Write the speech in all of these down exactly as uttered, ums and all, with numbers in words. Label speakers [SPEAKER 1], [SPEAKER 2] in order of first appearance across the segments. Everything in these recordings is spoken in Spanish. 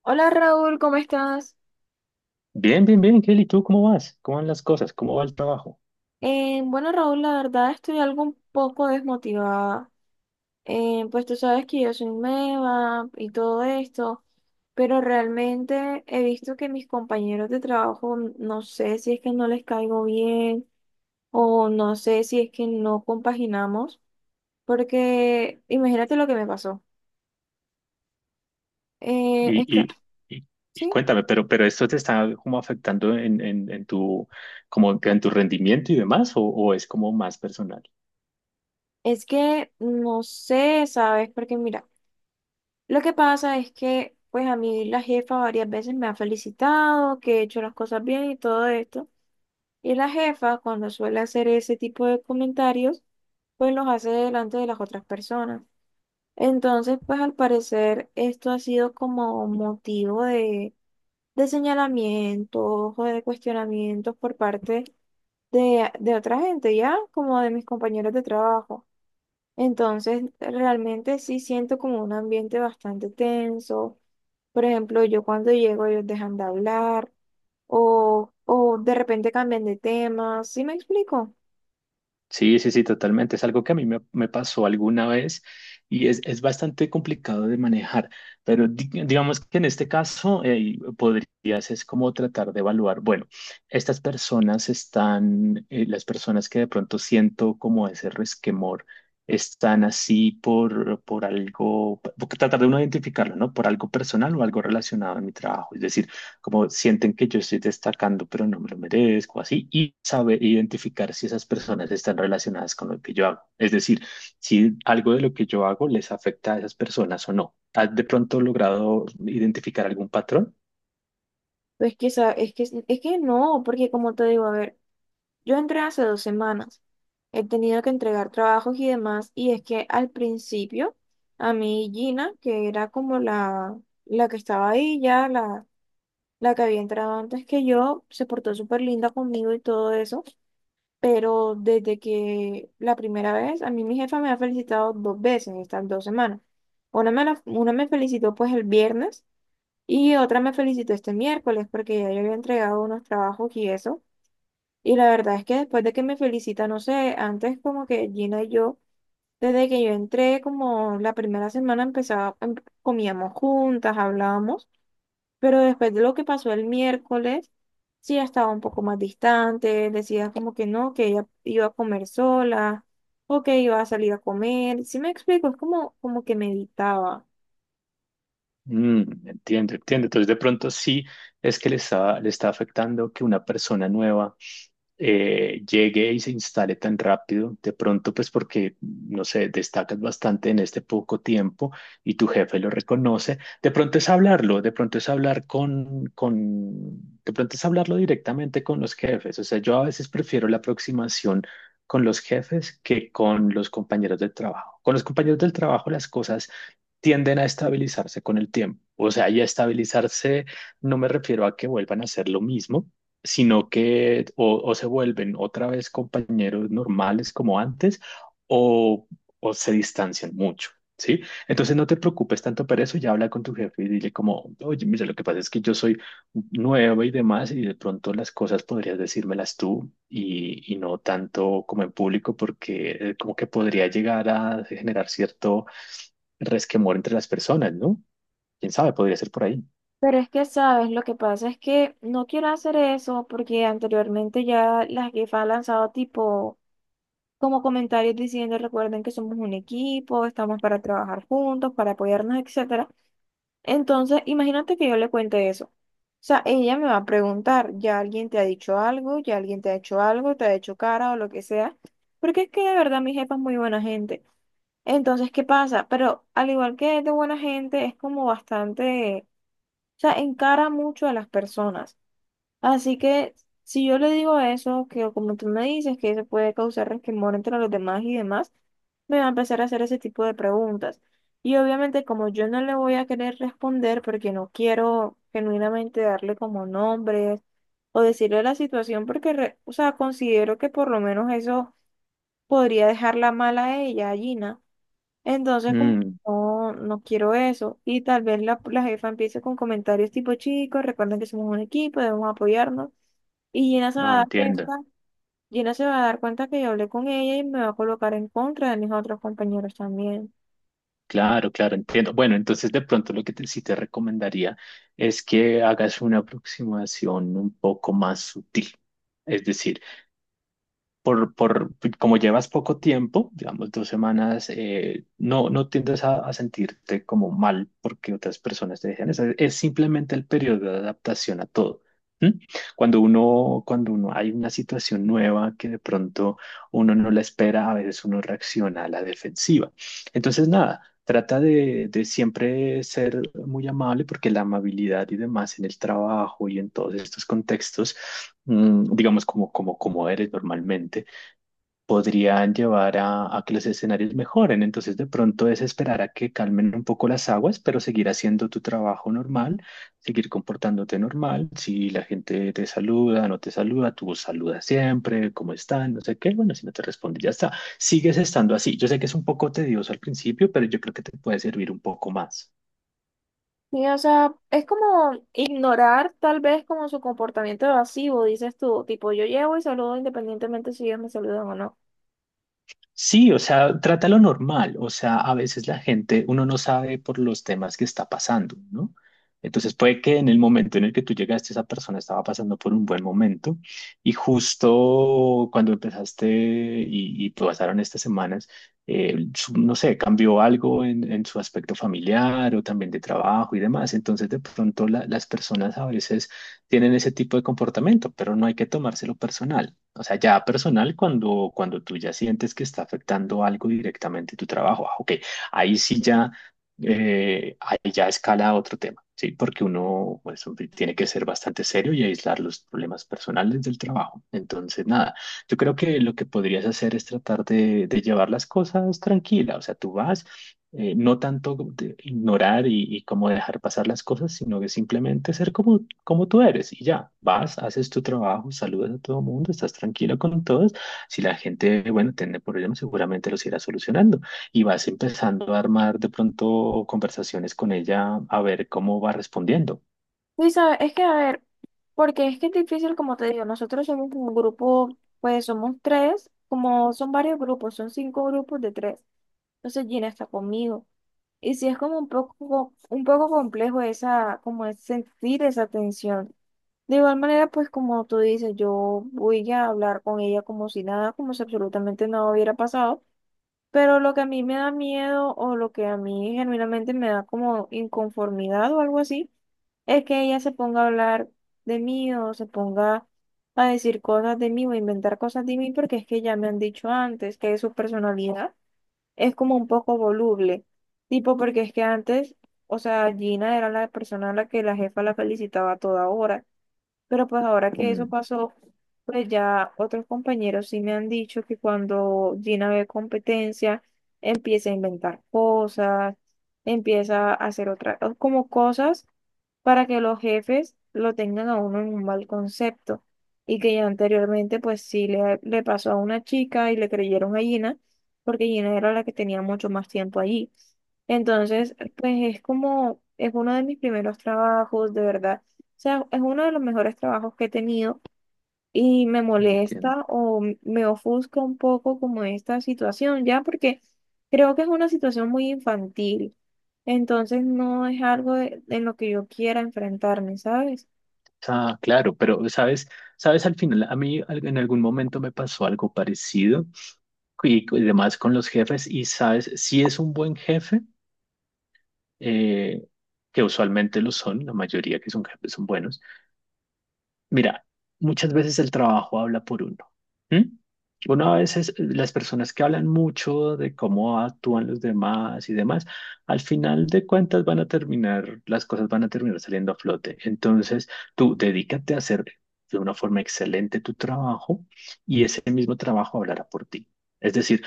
[SPEAKER 1] Hola Raúl, ¿cómo estás?
[SPEAKER 2] Bien, bien, bien, Kelly, ¿tú cómo vas? ¿Cómo van las cosas? ¿Cómo va el trabajo?
[SPEAKER 1] Eh, bueno Raúl, la verdad estoy algo un poco desmotivada. Eh, pues tú sabes que yo soy nueva y todo esto, pero realmente he visto que mis compañeros de trabajo, no sé si es que no les caigo bien o no sé si es que no compaginamos, porque imagínate lo que me pasó. Eh,
[SPEAKER 2] Y,
[SPEAKER 1] esta-
[SPEAKER 2] y, y, y
[SPEAKER 1] sí,
[SPEAKER 2] cuéntame, pero, pero esto te está como afectando en, en, en tu, como en tu rendimiento y demás, o, o ¿es como más personal?
[SPEAKER 1] es que no sé, ¿sabes? Porque mira. Lo que pasa es que, pues a mí la jefa varias veces me ha felicitado, que he hecho las cosas bien y todo esto. Y la jefa, cuando suele hacer ese tipo de comentarios, pues los hace delante de las otras personas. Entonces, pues al parecer esto ha sido como motivo de, de señalamientos o de cuestionamientos por parte de, de otra gente, ya como de mis compañeros de trabajo. Entonces, realmente sí siento como un ambiente bastante tenso. Por ejemplo, yo cuando llego ellos dejan de hablar o, o de repente cambian de tema, ¿sí me explico?
[SPEAKER 2] Sí, sí, sí, totalmente. Es algo que a mí me, me pasó alguna vez y es, es bastante complicado de manejar, pero di- digamos que en este caso eh, podrías es como tratar de evaluar, bueno, estas personas están, eh, las personas que de pronto siento como ese resquemor, están así por, por algo, por- tratar de uno identificarlo, ¿no? Por algo personal o algo relacionado a mi trabajo. Es decir, como sienten que yo estoy destacando, pero no me lo merezco, así, y saber identificar si esas personas están relacionadas con lo que yo hago. Es decir, si algo de lo que yo hago les afecta a esas personas o no. ¿Has de pronto logrado identificar algún patrón?
[SPEAKER 1] Es que, esa- es que, es que no, porque como te digo, a ver, yo entré hace dos semanas, he tenido que entregar trabajos y demás, y es que al principio a mí Gina, que era como la, la que estaba ahí ya, la, la que había entrado antes que yo, se portó súper linda conmigo y todo eso. Pero desde que la primera vez, a mí mi jefa me ha felicitado dos veces estas dos semanas. Una me, la- una me felicitó pues el viernes y otra me felicitó este miércoles porque ya yo había entregado unos trabajos y eso. Y la verdad es que después de que me felicita, no sé, antes como que Gina y yo, desde que yo entré como la primera semana empezaba, em- comíamos juntas, hablábamos. Pero después de lo que pasó el miércoles, sí ya estaba un poco más distante, decía como que no, que ella iba a comer sola o que iba a salir a comer. Sí me explico, es como, como que meditaba.
[SPEAKER 2] Mm, entiendo, entiendo. Entonces, de pronto sí es que le está, le está afectando que una persona nueva eh, llegue y se instale tan rápido, de pronto pues porque, no sé, destacas bastante en este poco tiempo y tu jefe lo reconoce, de pronto es hablarlo, de pronto es hablar con, con, de pronto es hablarlo directamente con los jefes, o sea, yo a veces prefiero la aproximación con los jefes que con los compañeros del trabajo. Con los compañeros del trabajo las cosas tienden a estabilizarse con el tiempo. O sea, y a estabilizarse no me refiero a que vuelvan a hacer lo mismo, sino que o, o se vuelven otra vez compañeros normales como antes o, o se distancian mucho. ¿Sí? Entonces no te preocupes tanto por eso, ya habla con tu jefe y dile como, oye, mira, lo que pasa es que yo soy nueva y demás y de pronto las cosas podrías decírmelas tú y, y no tanto como en público porque eh, como que podría llegar a generar cierto resquemor entre las personas, ¿no? ¿Quién sabe? Podría ser por ahí.
[SPEAKER 1] Pero es que, ¿sabes? Lo que pasa es que no quiero hacer eso porque anteriormente ya la jefa ha lanzado tipo como comentarios diciendo, recuerden que somos un equipo, estamos para trabajar juntos, para apoyarnos, etcétera. Entonces, imagínate que yo le cuente eso. O sea, ella me va a preguntar, ¿ya alguien te ha dicho algo? ¿Ya alguien te ha hecho algo? ¿Te ha hecho cara o lo que sea? Porque es que de verdad mi jefa es muy buena gente. Entonces, ¿qué pasa? Pero al igual que es de buena gente, es como bastante, o sea, encara mucho a las personas. Así que si yo le digo eso, que como tú me dices, que eso puede causar resquemor entre los demás y demás, me va a empezar a hacer ese tipo de preguntas. Y obviamente como yo no le voy a querer responder porque no quiero genuinamente darle como nombres o decirle la situación porque, re- o sea, considero que por lo menos eso podría dejarla mal a ella, a Gina. Entonces como
[SPEAKER 2] Mm,
[SPEAKER 1] no, no quiero eso. Y tal vez la, la jefa empiece con comentarios tipo, chicos, recuerden que somos un equipo, debemos apoyarnos. Y Gina se va
[SPEAKER 2] ah,
[SPEAKER 1] a dar
[SPEAKER 2] entiendo.
[SPEAKER 1] cuenta, Gina se va a dar cuenta que yo hablé con ella y me va a colocar en contra de mis otros compañeros también.
[SPEAKER 2] Claro, claro, entiendo. Bueno, entonces de pronto lo que te- sí te recomendaría es que hagas una aproximación un poco más sutil. Es decir, por, por como llevas poco tiempo, digamos dos semanas, eh, no, no tiendes a, a sentirte como mal porque otras personas te dejan. Es, es simplemente el periodo de adaptación a todo. ¿M? Cuando uno, cuando uno hay una situación nueva que de pronto uno no la espera, a veces uno reacciona a la defensiva. Entonces, nada, trata de, de siempre ser muy amable porque la amabilidad y demás en el trabajo y en todos estos contextos mm, digamos, como, como, como eres normalmente podrían llevar a, a que los escenarios mejoren. Entonces, de pronto es esperar a que calmen un poco las aguas, pero seguir haciendo tu trabajo normal, seguir comportándote normal. Si la gente te saluda, no te saluda, tú saludas siempre, ¿cómo están? No sé qué. Bueno, si no te responde, ya está. Sigues estando así. Yo sé que es un poco tedioso al principio, pero yo creo que te puede servir un poco más.
[SPEAKER 1] Sí, o sea, es como ignorar tal vez como su comportamiento evasivo, dices tú, tipo yo llevo y saludo independientemente si ellos me saludan o no.
[SPEAKER 2] Sí, o sea, trátalo normal. O sea, a veces la gente, uno no sabe por los temas que está pasando, ¿no? Entonces puede que en el momento en el que tú llegaste, esa persona estaba pasando por un buen momento y justo cuando empezaste y, y pasaron estas semanas, eh, su- no sé, cambió algo en, en su aspecto familiar o también de trabajo y demás. Entonces de pronto la- las personas a veces tienen ese tipo de comportamiento, pero no hay que tomárselo personal. O sea, ya personal, cuando, cuando tú ya sientes que está afectando algo directamente tu trabajo, ah, ok, ahí sí ya, eh, ahí ya escala a otro tema, ¿sí? Porque uno, pues, tiene que ser bastante serio y aislar los problemas personales del trabajo. Entonces, nada, yo creo que lo que podrías hacer es tratar de, de llevar las cosas tranquila. O sea, tú vas eh, no tanto de ignorar y, y como dejar pasar las cosas, sino que simplemente ser como, como tú eres y ya, vas, haces tu trabajo, saludas a todo el mundo, estás tranquilo con todos. Si la gente, bueno, tiene problemas, seguramente los irá solucionando y vas empezando a armar de pronto conversaciones con ella a ver cómo va respondiendo.
[SPEAKER 1] Y sabes, es que a ver, porque es que es difícil, como te digo, nosotros somos un grupo, pues somos tres, como son varios grupos, son cinco grupos de tres. Entonces Gina está conmigo. Y sí es como un poco, un poco complejo esa, como es sentir esa tensión. De igual manera, pues como tú dices, yo voy a hablar con ella como si nada, como si absolutamente nada hubiera pasado. Pero lo que a mí me da miedo o lo que a mí genuinamente me da como inconformidad o algo así, es que ella se ponga a hablar de mí o se ponga a decir cosas de mí o a inventar cosas de mí porque es que ya me han dicho antes que es su personalidad es como un poco voluble, tipo porque es que antes, o sea, Gina era la persona a la que la jefa la felicitaba a toda hora, pero pues ahora que
[SPEAKER 2] Mm,
[SPEAKER 1] eso pasó, pues ya otros compañeros sí me han dicho que cuando Gina ve competencia, empieza a inventar cosas, empieza a hacer otras, como cosas para que los jefes lo tengan a uno en un mal concepto. Y que ya anteriormente, pues sí, le, le pasó a una chica y le creyeron a Gina, porque Gina era la que tenía mucho más tiempo allí. Entonces, pues es como, es uno de mis primeros trabajos, de verdad. O sea, es uno de los mejores trabajos que he tenido y me
[SPEAKER 2] entiendo.
[SPEAKER 1] molesta o m- me ofusca un poco como esta situación, ya porque creo que es una situación muy infantil, entonces no es algo de- en lo que yo quiera enfrentarme, ¿sabes?
[SPEAKER 2] Ah, claro, pero sabes, sabes, al final, a mí al- en algún momento me pasó algo parecido y, y demás con los jefes y sabes, si es un buen jefe, eh, que usualmente lo son, la mayoría que son jefes son buenos. Mira, muchas veces el trabajo habla por uno. ¿M? Uno a veces, eh, las personas que hablan mucho de cómo actúan los demás y demás, al final de cuentas van a terminar, las cosas van a terminar saliendo a flote. Entonces, tú dedícate a hacer de una forma excelente tu trabajo y ese mismo trabajo hablará por ti. Es decir,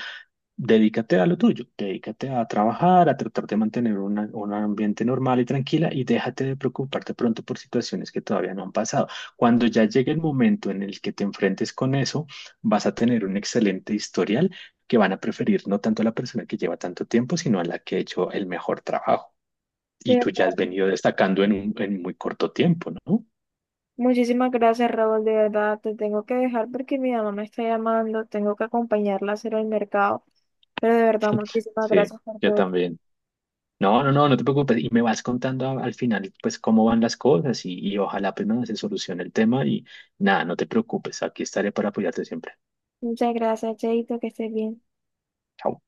[SPEAKER 2] dedícate a lo tuyo, dedícate a trabajar, a tratar de mantener una- un ambiente normal y tranquila y déjate de preocuparte pronto por situaciones que todavía no han pasado. Cuando ya llegue el momento en el que te enfrentes con eso, vas a tener un excelente historial que van a preferir no tanto a la persona que lleva tanto tiempo, sino a la que ha hecho el mejor trabajo.
[SPEAKER 1] De
[SPEAKER 2] Y tú ya
[SPEAKER 1] verdad.
[SPEAKER 2] has venido destacando en un, en muy corto tiempo, ¿no?
[SPEAKER 1] Muchísimas gracias, Raúl, de verdad, te tengo que dejar porque mi mamá me está llamando, tengo que acompañarla a hacer el mercado, pero de verdad, muchísimas
[SPEAKER 2] Sí,
[SPEAKER 1] gracias por
[SPEAKER 2] yo
[SPEAKER 1] todo.
[SPEAKER 2] también. No, no, no, no te preocupes. Y me vas contando a- al final, pues, cómo van las cosas y, y ojalá, pues, nada, se solucione el tema y nada, no te preocupes. Aquí estaré para apoyarte siempre.
[SPEAKER 1] Muchas gracias, Cheito, que estés bien.
[SPEAKER 2] Chao.